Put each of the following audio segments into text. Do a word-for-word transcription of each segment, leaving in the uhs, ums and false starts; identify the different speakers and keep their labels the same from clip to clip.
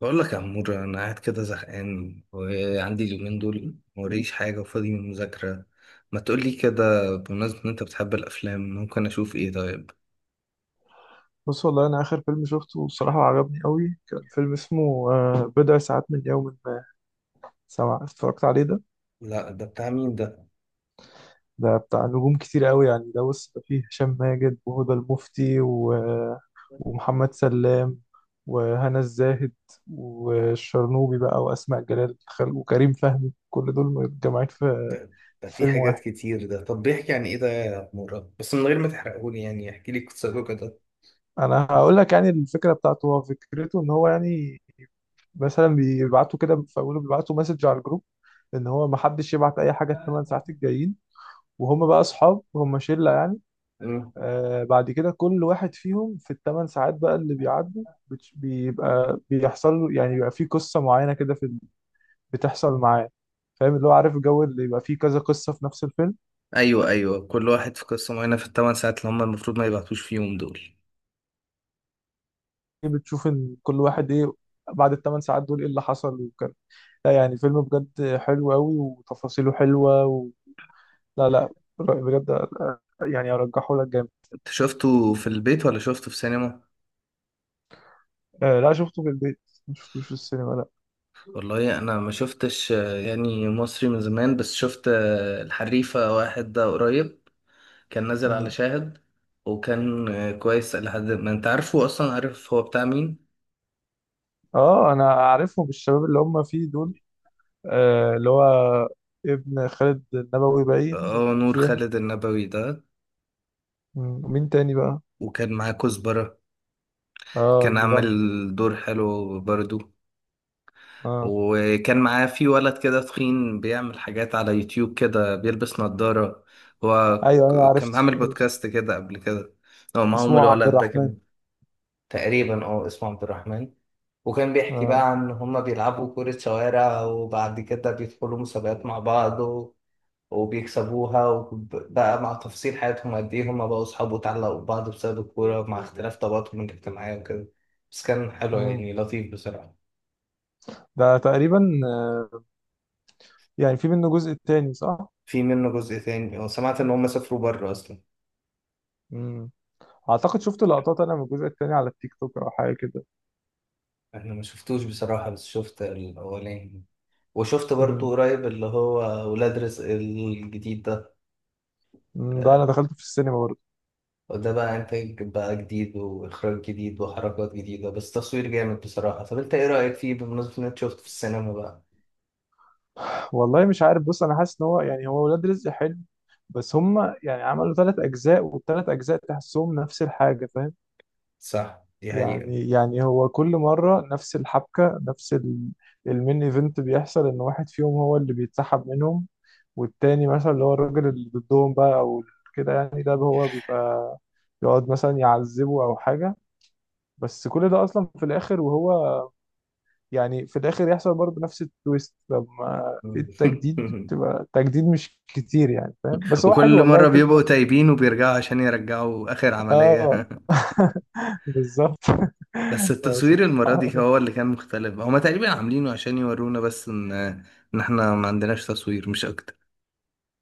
Speaker 1: بقول لك يا عمور، انا قاعد كده زهقان وعندي اليومين دول موريش حاجه وفاضي من المذاكره. ما تقول لي كده، بمناسبه ان انت بتحب الافلام، ممكن اشوف ايه طيب؟
Speaker 2: بص، والله انا اخر فيلم شفته بصراحه عجبني قوي. كان فيلم اسمه آه، بضع ساعات من يوم ما سمع. اتفرجت عليه ده؟
Speaker 1: لا، ده بتاع مين ده؟
Speaker 2: ده بتاع نجوم كتير قوي يعني، ده بص ده فيه هشام ماجد وهدى المفتي و... ومحمد سلام وهنا الزاهد والشرنوبي بقى واسماء جلال خل- وكريم فهمي، كل دول متجمعين في
Speaker 1: ده ده
Speaker 2: في
Speaker 1: في
Speaker 2: فيلم
Speaker 1: حاجات
Speaker 2: واحد.
Speaker 1: كتير ده. طب بيحكي عن ايه ده يا عمورة؟ بس من غير ما تحرقهولي يعني، احكي لي قصته كده.
Speaker 2: انا هقول لك يعني الفكره بتاعته، هو فكرته ان هو يعني مثلا بيبعتوا كده في اوله، بيبعتوا مسج على الجروب ان هو ما حدش يبعت اي حاجه الثمان ساعات الجايين، وهم بقى اصحاب، هم شله يعني.
Speaker 1: مم.
Speaker 2: آه بعد كده كل واحد فيهم في الثمان ساعات بقى اللي بيعدوا بتش- بيبقى بيحصل له، يعني بيبقى فيه قصه معينه كده في ال- بتحصل معاه. فاهم اللي هو؟ عارف الجو اللي يبقى فيه كذا قصه في نفس الفيلم،
Speaker 1: ايوه، ايوه، كل واحد في قصه معينه في الثمان ساعات اللي هم المفروض ما يبعتوش فيهم دول.
Speaker 2: إيه بتشوف ان كل واحد ايه بعد الثمان ساعات دول ايه اللي حصل وكده. لا يعني فيلم بجد حلو قوي وتفاصيله حلوه، لا لا بجد. آه، يعني ارجحه لك جامد.
Speaker 1: انت شفته في البيت ولا شفته في سينما؟
Speaker 2: آه لا شفته في البيت، ما شفتوش في السينما لا.
Speaker 1: والله انا ما شفتش آه، يعني مصري من زمان، بس شفت آه، الحريفة واحد ده قريب. كان نازل على
Speaker 2: مم.
Speaker 1: شاهد. وكان آه، كويس لحد ما، انت عارفه اصلا، عارف هو بتاع مين؟
Speaker 2: اه انا عارفهم الشباب اللي هم فيه دول. آه اللي هو ابن خالد النبوي باين،
Speaker 1: اه، نور
Speaker 2: وفي واحد.
Speaker 1: خالد النبوي ده.
Speaker 2: مم. ومين تاني بقى؟
Speaker 1: وكان معاه كزبرة.
Speaker 2: اه
Speaker 1: كان عامل
Speaker 2: المغني.
Speaker 1: دور حلو برضو.
Speaker 2: اه،
Speaker 1: وكان معاه في ولد كده تخين بيعمل حاجات على يوتيوب كده، بيلبس نظارة هو.
Speaker 2: ايوه ايوه
Speaker 1: ك- كان
Speaker 2: عرفته
Speaker 1: عامل
Speaker 2: عرفته.
Speaker 1: بودكاست كده قبل كده، هو معاهم
Speaker 2: اسمه عبد
Speaker 1: الولد ده،
Speaker 2: الرحمن.
Speaker 1: كان تقريبا، اه، اسمه عبد الرحمن. وكان بيحكي
Speaker 2: اه.
Speaker 1: بقى عن هما بيلعبوا كرة شوارع، وبعد كده بيدخلوا مسابقات مع بعض و- وبيكسبوها، وبقى مع تفاصيل حياتهم قد ايه هما بقوا صحاب واتعلقوا ببعض بسبب الكورة، مع اختلاف طبقاتهم الاجتماعية وكده. بس كان حلو
Speaker 2: مم.
Speaker 1: يعني، لطيف بصراحة.
Speaker 2: ده تقريبا آه يعني في منه جزء تاني صح؟
Speaker 1: في منه جزء تاني وسمعت ان هما سافروا بره اصلا.
Speaker 2: مم. اعتقد شفت لقطات انا من الجزء التاني على التيك توك او حاجه كده.
Speaker 1: انا ما شفتوش بصراحة، بس شفت الاولاني. وشفت برضو
Speaker 2: مم.
Speaker 1: قريب اللي هو، ولاد رزق الجديد ده.
Speaker 2: مم. ده انا
Speaker 1: آه،
Speaker 2: دخلته في السينما برضه.
Speaker 1: وده بقى انتاج بقى جديد واخراج جديد وحركات جديده، بس تصوير جامد بصراحه. طب انت ايه رايك فيه، بمناسبه ان انت شفته في السينما بقى؟
Speaker 2: والله مش عارف، بص انا حاسس ان هو يعني هو ولاد رزق حلو، بس هم يعني عملوا ثلاث اجزاء والثلاث اجزاء تحسهم نفس الحاجه فاهم.
Speaker 1: صح، دي حقيقة.
Speaker 2: يعني يعني هو كل مره نفس الحبكه، نفس ال- المين ايفنت بيحصل، ان واحد فيهم هو اللي بيتسحب منهم، والتاني مثلا اللي هو الراجل اللي ضدهم بقى او كده يعني، ده هو بيبقى يقعد مثلا يعذبه او حاجه. بس كل ده اصلا في الاخر وهو يعني في الاخر يحصل برضه نفس التويست، لما في التجديد بتبقى التجديد مش كتير يعني فاهم، بس هو حلو
Speaker 1: وكل
Speaker 2: والله
Speaker 1: مرة
Speaker 2: الفيلم
Speaker 1: بيبقوا
Speaker 2: ده.
Speaker 1: تايبين وبيرجعوا عشان يرجعوا آخر
Speaker 2: اه.
Speaker 1: عملية.
Speaker 2: بالظبط.
Speaker 1: بس التصوير المرة
Speaker 2: سبحان
Speaker 1: دي
Speaker 2: الله.
Speaker 1: هو اللي كان مختلف. هما تقريبا عاملينه عشان يورونا بس إن إن إحنا ما عندناش تصوير، مش أكتر.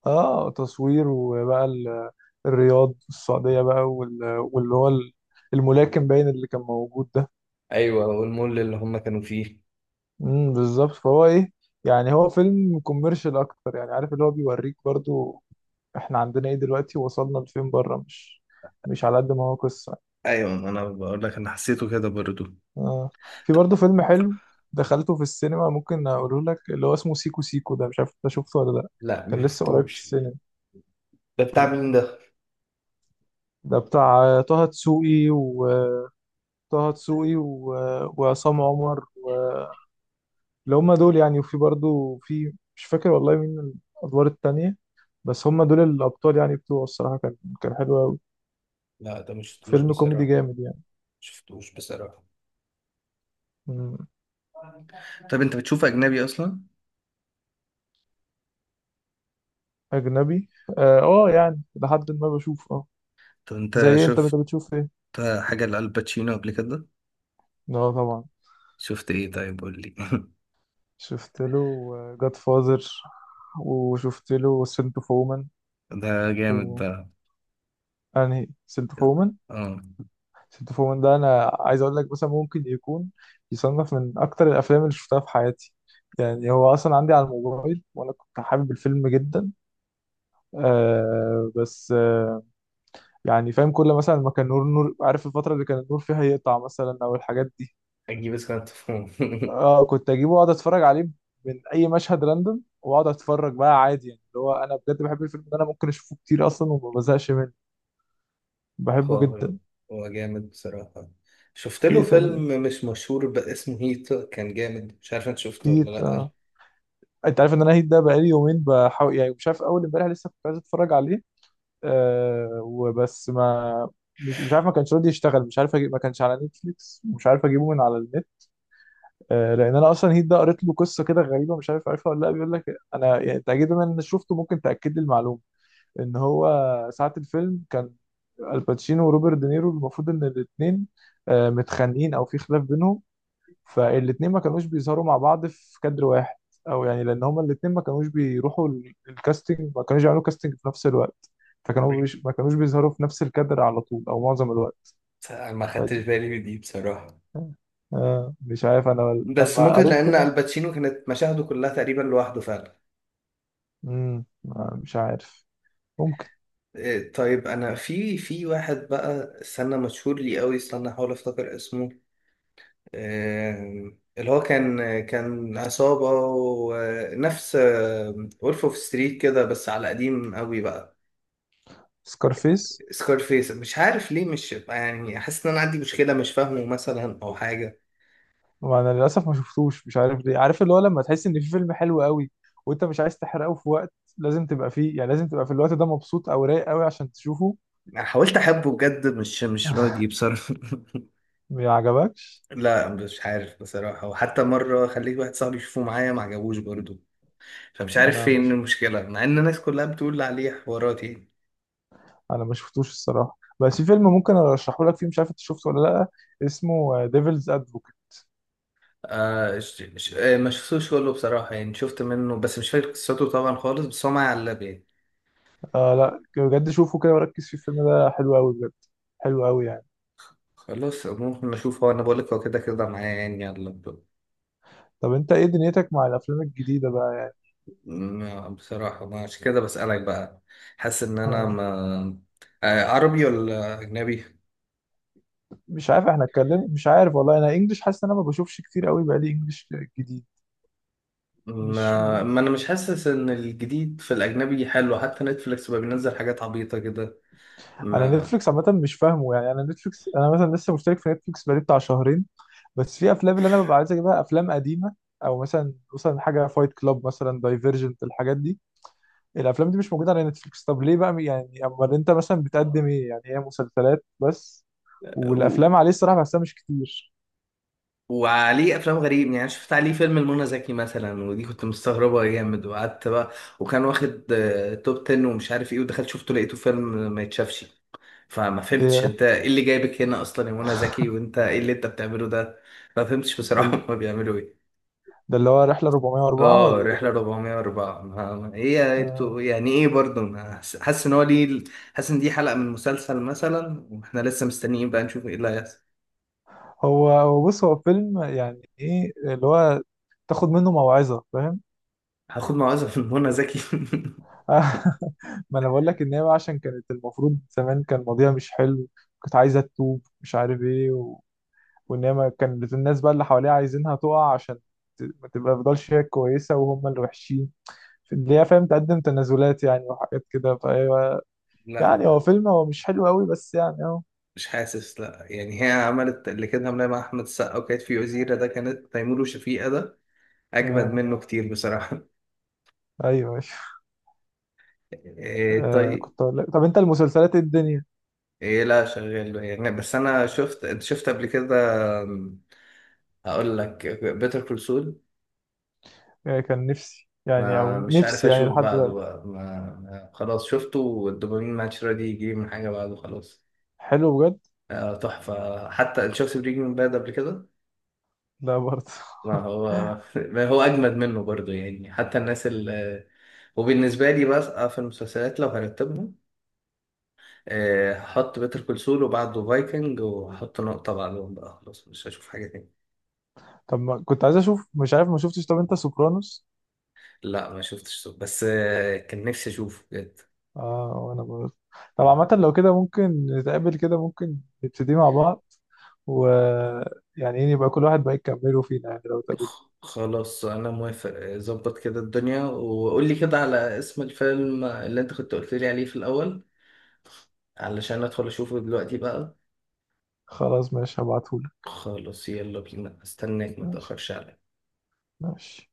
Speaker 2: اه تصوير، وبقى ال- الرياض السعودية بقى وال- واللي هو ال- الملاكم باين اللي كان موجود ده.
Speaker 1: ايوه، والمول اللي هم كانوا فيه.
Speaker 2: امم بالظبط. فهو ايه يعني؟ هو فيلم كوميرشال اكتر يعني، عارف اللي هو بيوريك برضو احنا عندنا ايه دلوقتي، وصلنا لفين بره، مش مش على قد ما هو قصة.
Speaker 1: أيوة، ما أنا بقول لك، أنا حسيته كده برضو.
Speaker 2: آه. في برضه فيلم حلو دخلته في السينما ممكن اقوله لك، اللي هو اسمه سيكو سيكو، ده مش عارف انت شفته ولا لا.
Speaker 1: لا،
Speaker 2: كان لسه قريب في
Speaker 1: مشفتوش.
Speaker 2: السينما.
Speaker 1: ده بتاع مين ده؟
Speaker 2: ده بتاع آه، طه دسوقي، وطه دسوقي و... وعصام عمر، اللي هم دول يعني، وفي برضه في مش فاكر والله مين الادوار التانية، بس هم دول الابطال يعني بتوعه. الصراحة كان كان حلو قوي.
Speaker 1: لا، ده مش شفتوش
Speaker 2: فيلم كوميدي
Speaker 1: بصراحة.
Speaker 2: جامد يعني.
Speaker 1: شفتوش بصراحة.
Speaker 2: مم.
Speaker 1: طب انت بتشوف اجنبي اصلا؟
Speaker 2: اجنبي؟ اه آه، يعني لحد ما بشوف اه.
Speaker 1: طب
Speaker 2: زي
Speaker 1: انت
Speaker 2: إيه؟ انت انت
Speaker 1: شفت
Speaker 2: بتشوف ايه؟
Speaker 1: حاجه لالباتشينو قبل كده؟
Speaker 2: اه طبعا.
Speaker 1: شفت ايه طيب، قول لي.
Speaker 2: شفت له جاد فازر، وشفت له سنت اوف وومن،
Speaker 1: ده جامد
Speaker 2: و
Speaker 1: ده.
Speaker 2: انهي؟ سنت اوف وومن.
Speaker 1: اه،
Speaker 2: سنت اوف وومن ده انا عايز اقول لك مثلا ممكن يكون يصنف من اكتر الافلام اللي شفتها في حياتي. يعني هو اصلا عندي على الموبايل، وانا كنت حابب الفيلم جدا. آه بس آه يعني فاهم، كل مثلا ما كان نور نور عارف الفتره اللي كان النور فيها يقطع مثلا او الحاجات دي،
Speaker 1: اجيب اسكان تفهم.
Speaker 2: اه كنت اجيبه واقعد اتفرج عليه من اي مشهد راندوم، واقعد اتفرج بقى عادي يعني. اللي هو انا بجد بحب الفيلم ده، انا ممكن اشوفه كتير اصلا وما بزهقش منه،
Speaker 1: هو
Speaker 2: بحبه جدا.
Speaker 1: هو جامد بصراحة. شفت
Speaker 2: في
Speaker 1: له
Speaker 2: ايه تاني؟
Speaker 1: فيلم مش مشهور بس، اسمه هيت، كان جامد. مش عارف انت شفته ولا
Speaker 2: هيت آه.
Speaker 1: لأ.
Speaker 2: انت عارف ان انا هيت ده بقالي يومين بحاول، يعني مش عارف، اول امبارح لسه كنت عايز اتفرج عليه. آه وبس ما مش مش عارف ما كانش راضي يشتغل، مش عارف أجيب، ما كانش على نتفليكس ومش عارف اجيبه من على النت. آه لان انا اصلا هيت ده قريت له قصه كده غريبه، مش عارف عارفها ولا لا، بيقول لك انا يعني، انت اكيد بما ان شفته ممكن تاكد لي المعلومه، ان هو ساعة الفيلم كان الباتشينو وروبرت دينيرو المفروض ان الاثنين متخانقين او في خلاف بينهم، فالاثنين ما كانوش بيظهروا مع بعض في كادر واحد، او يعني لان هما الاثنين ما كانوش بيروحوا ال- الكاستنج، ما كانوش يعملوا كاستنج في نفس الوقت،
Speaker 1: بس
Speaker 2: فكانوا بيش ما كانوش بيظهروا في نفس الكادر على طول او معظم الوقت.
Speaker 1: أنا ما خدتش
Speaker 2: فدي
Speaker 1: بالي من دي بصراحة.
Speaker 2: آه آه، مش عارف انا
Speaker 1: بس
Speaker 2: لما
Speaker 1: ممكن
Speaker 2: قريت
Speaker 1: لأن
Speaker 2: كده.
Speaker 1: الباتشينو كانت مشاهده كلها تقريبا لوحده فعلا.
Speaker 2: مم. آه، مش عارف، ممكن.
Speaker 1: إيه، طيب. انا في في واحد بقى، استنى، مشهور لي قوي، استنى احاول افتكر اسمه. آم، اللي هو كان كان عصابة ونفس وولف اوف ستريت كده، بس على قديم قوي بقى.
Speaker 2: سكارفيس.
Speaker 1: سكارفيس. مش عارف ليه، مش يعني، حاسس ان انا عندي مشكلة، مش فاهمه مثلا او حاجة.
Speaker 2: وانا للاسف ما شفتوش، مش عارف ليه، عارف اللي هو لما تحس ان في فيلم حلو قوي وانت مش عايز تحرقه، في وقت لازم تبقى فيه يعني، لازم تبقى في الوقت ده مبسوط او رايق قوي عشان تشوفه.
Speaker 1: انا حاولت احبه بجد، مش مش راضي بصراحة.
Speaker 2: ما عجبكش.
Speaker 1: لا، مش عارف بصراحة، وحتى مرة خليت واحد صاحبي يشوفه معايا، ما عجبوش برضه. فمش عارف
Speaker 2: انا
Speaker 1: فين
Speaker 2: مش
Speaker 1: المشكلة، مع ان الناس كلها بتقول عليه حواراتي.
Speaker 2: انا ما شفتوش الصراحه، بس في فيلم ممكن ارشحه لك فيه، مش عارف انت شفته ولا لا، اسمه ديفلز ادفوكيت.
Speaker 1: آه ش... ش... آه ما شفتوش كله بصراحة، يعني شفت منه بس مش فاكر قصته طبعا خالص، بس هو معايا على اللاب يعني.
Speaker 2: آه لا بجد شوفه كده وركز فيه، الفيلم ده حلو قوي بجد، حلو قوي يعني.
Speaker 1: خلاص، ممكن اشوف. هو انا بقولك هو كده كده معايا يعني على اللاب.
Speaker 2: طب انت ايه دنيتك مع الافلام الجديده بقى يعني؟
Speaker 1: م- بصراحة، ما عشان كده بسألك بقى. حاسس ان انا
Speaker 2: آه
Speaker 1: ما. آه، عربي ولا اجنبي؟
Speaker 2: مش عارف، احنا اتكلم مش عارف والله، انا انجلش حاسس ان انا ما بشوفش كتير قوي بقى لي انجلش جديد. مش.
Speaker 1: ما... ما انا مش حاسس ان الجديد في الاجنبي حلو، حتى نتفليكس بقى بينزل حاجات عبيطة كده.
Speaker 2: انا
Speaker 1: ما
Speaker 2: نتفليكس عامه مش فاهمه يعني، انا نتفليكس، انا مثلا لسه مشترك في نتفليكس بقالي بتاع شهرين، بس في افلام اللي انا ببقى عايز اجيبها افلام قديمه، او مثلا مثلا حاجه فايت كلاب مثلا، دايفرجنت، الحاجات دي، الافلام دي مش موجوده على نتفليكس. طب ليه بقى يعني، امال انت مثلا بتقدم ايه يعني؟ هي مسلسلات بس، والافلام عليه الصراحه بحسها مش كتير.
Speaker 1: وعليه افلام غريب يعني، شفت عليه فيلم المنى زكي مثلا، ودي كنت مستغربه جامد وقعدت بقى. وكان واخد آه، توب تن ومش عارف ايه، ودخلت شفته لقيته فيلم ما يتشافش. فما فهمتش
Speaker 2: إيه
Speaker 1: انت ايه اللي جايبك هنا اصلا يا منى زكي، وانت ايه اللي انت بتعمله ده. ما فهمتش بصراحه.
Speaker 2: ده,
Speaker 1: هما بيعملوا ايه؟
Speaker 2: ده اللي هو رحله اربعميه واربعه
Speaker 1: اه،
Speaker 2: ولا ده
Speaker 1: رحله
Speaker 2: إيه؟
Speaker 1: اربعميه واربعه. ما ما- هي
Speaker 2: آه،
Speaker 1: انتوا يعني ايه برضه، ما- حس- حاسس ان هو ليه. حاسس ان دي حلقه من مسلسل مثلا، واحنا لسه مستنيين بقى نشوف ايه اللي هيحصل.
Speaker 2: هو هو بص هو فيلم يعني ايه اللي هو تاخد منه موعظه فاهم.
Speaker 1: هاخد موعظه من منى زكي؟
Speaker 2: ما انا بقول لك ان هي بقى عشان كانت المفروض زمان كان ماضيها مش حلو، كانت عايزه تتوب مش عارف ايه و... وان هي ما كانت الناس بقى اللي حواليها عايزينها تقع عشان ت... ما تبقى تفضلش هي كويسه وهم اللي وحشين، اللي هي فاهم تقدم تنازلات يعني وحاجات كده فايوه. يعني
Speaker 1: لا،
Speaker 2: هو فيلم هو مش حلو قوي بس يعني اهو.
Speaker 1: مش حاسس. لا يعني، هي عملت اللي كانت عاملاه مع احمد السقا، وكانت في وزيره ده، كانت تيمور وشفيقة ده. اجمد
Speaker 2: آه.
Speaker 1: منه كتير بصراحه.
Speaker 2: ايوه ايوه.
Speaker 1: إيه
Speaker 2: آه.
Speaker 1: طيب.
Speaker 2: كنت اقول لك، طب انت المسلسلات إيه الدنيا؟
Speaker 1: إيه، لا شغال يعني، بس انا شفت، انت شفت قبل كده؟ أم، هقول لك بيتر كول سول.
Speaker 2: آه. كان نفسي يعني،
Speaker 1: ما
Speaker 2: او
Speaker 1: مش عارف
Speaker 2: نفسي يعني
Speaker 1: اشوف
Speaker 2: لحد
Speaker 1: بعده
Speaker 2: دلوقتي.
Speaker 1: بقى، ما ما- خلاص شفته والدوبامين ماتش راضي يجي من حاجه بعده خلاص.
Speaker 2: حلو بجد.
Speaker 1: آه، تحفه. حتى انت شفت بريكنج باد قبل كده؟
Speaker 2: لا برضه.
Speaker 1: ما هو ما هو اجمد منه برضو يعني. حتى الناس ال آه، وبالنسبه لي بقى في المسلسلات لو هرتبهم، آه، هحط بيتر كول سول وبعده فايكنج، وهحط نقطه بعدهم بقى خلاص، مش هشوف حاجه تاني.
Speaker 2: طب ما كنت عايز اشوف، مش عارف ما شفتش، طب انت سوبرانوس؟
Speaker 1: لا، ما شفتش سول، بس آه، كان نفسي اشوفه بجد.
Speaker 2: اه وانا برضه. طب عامة لو كده ممكن نتقابل كده، ممكن نبتدي مع بعض، و يعني ايه، يبقى كل واحد بقى يكمله فينا يعني لو تقابل.
Speaker 1: خ- خلاص انا موافق. آه، ظبط كده الدنيا، وقول لي كده على اسم الفيلم اللي انت كنت قلت لي عليه في الاول، علشان ادخل اشوفه دلوقتي بقى.
Speaker 2: خلاص ماشي هبعتهولك.
Speaker 1: خلاص، يلا بينا، استناك، ما
Speaker 2: ماشي
Speaker 1: تاخرش عليا.
Speaker 2: ماشي.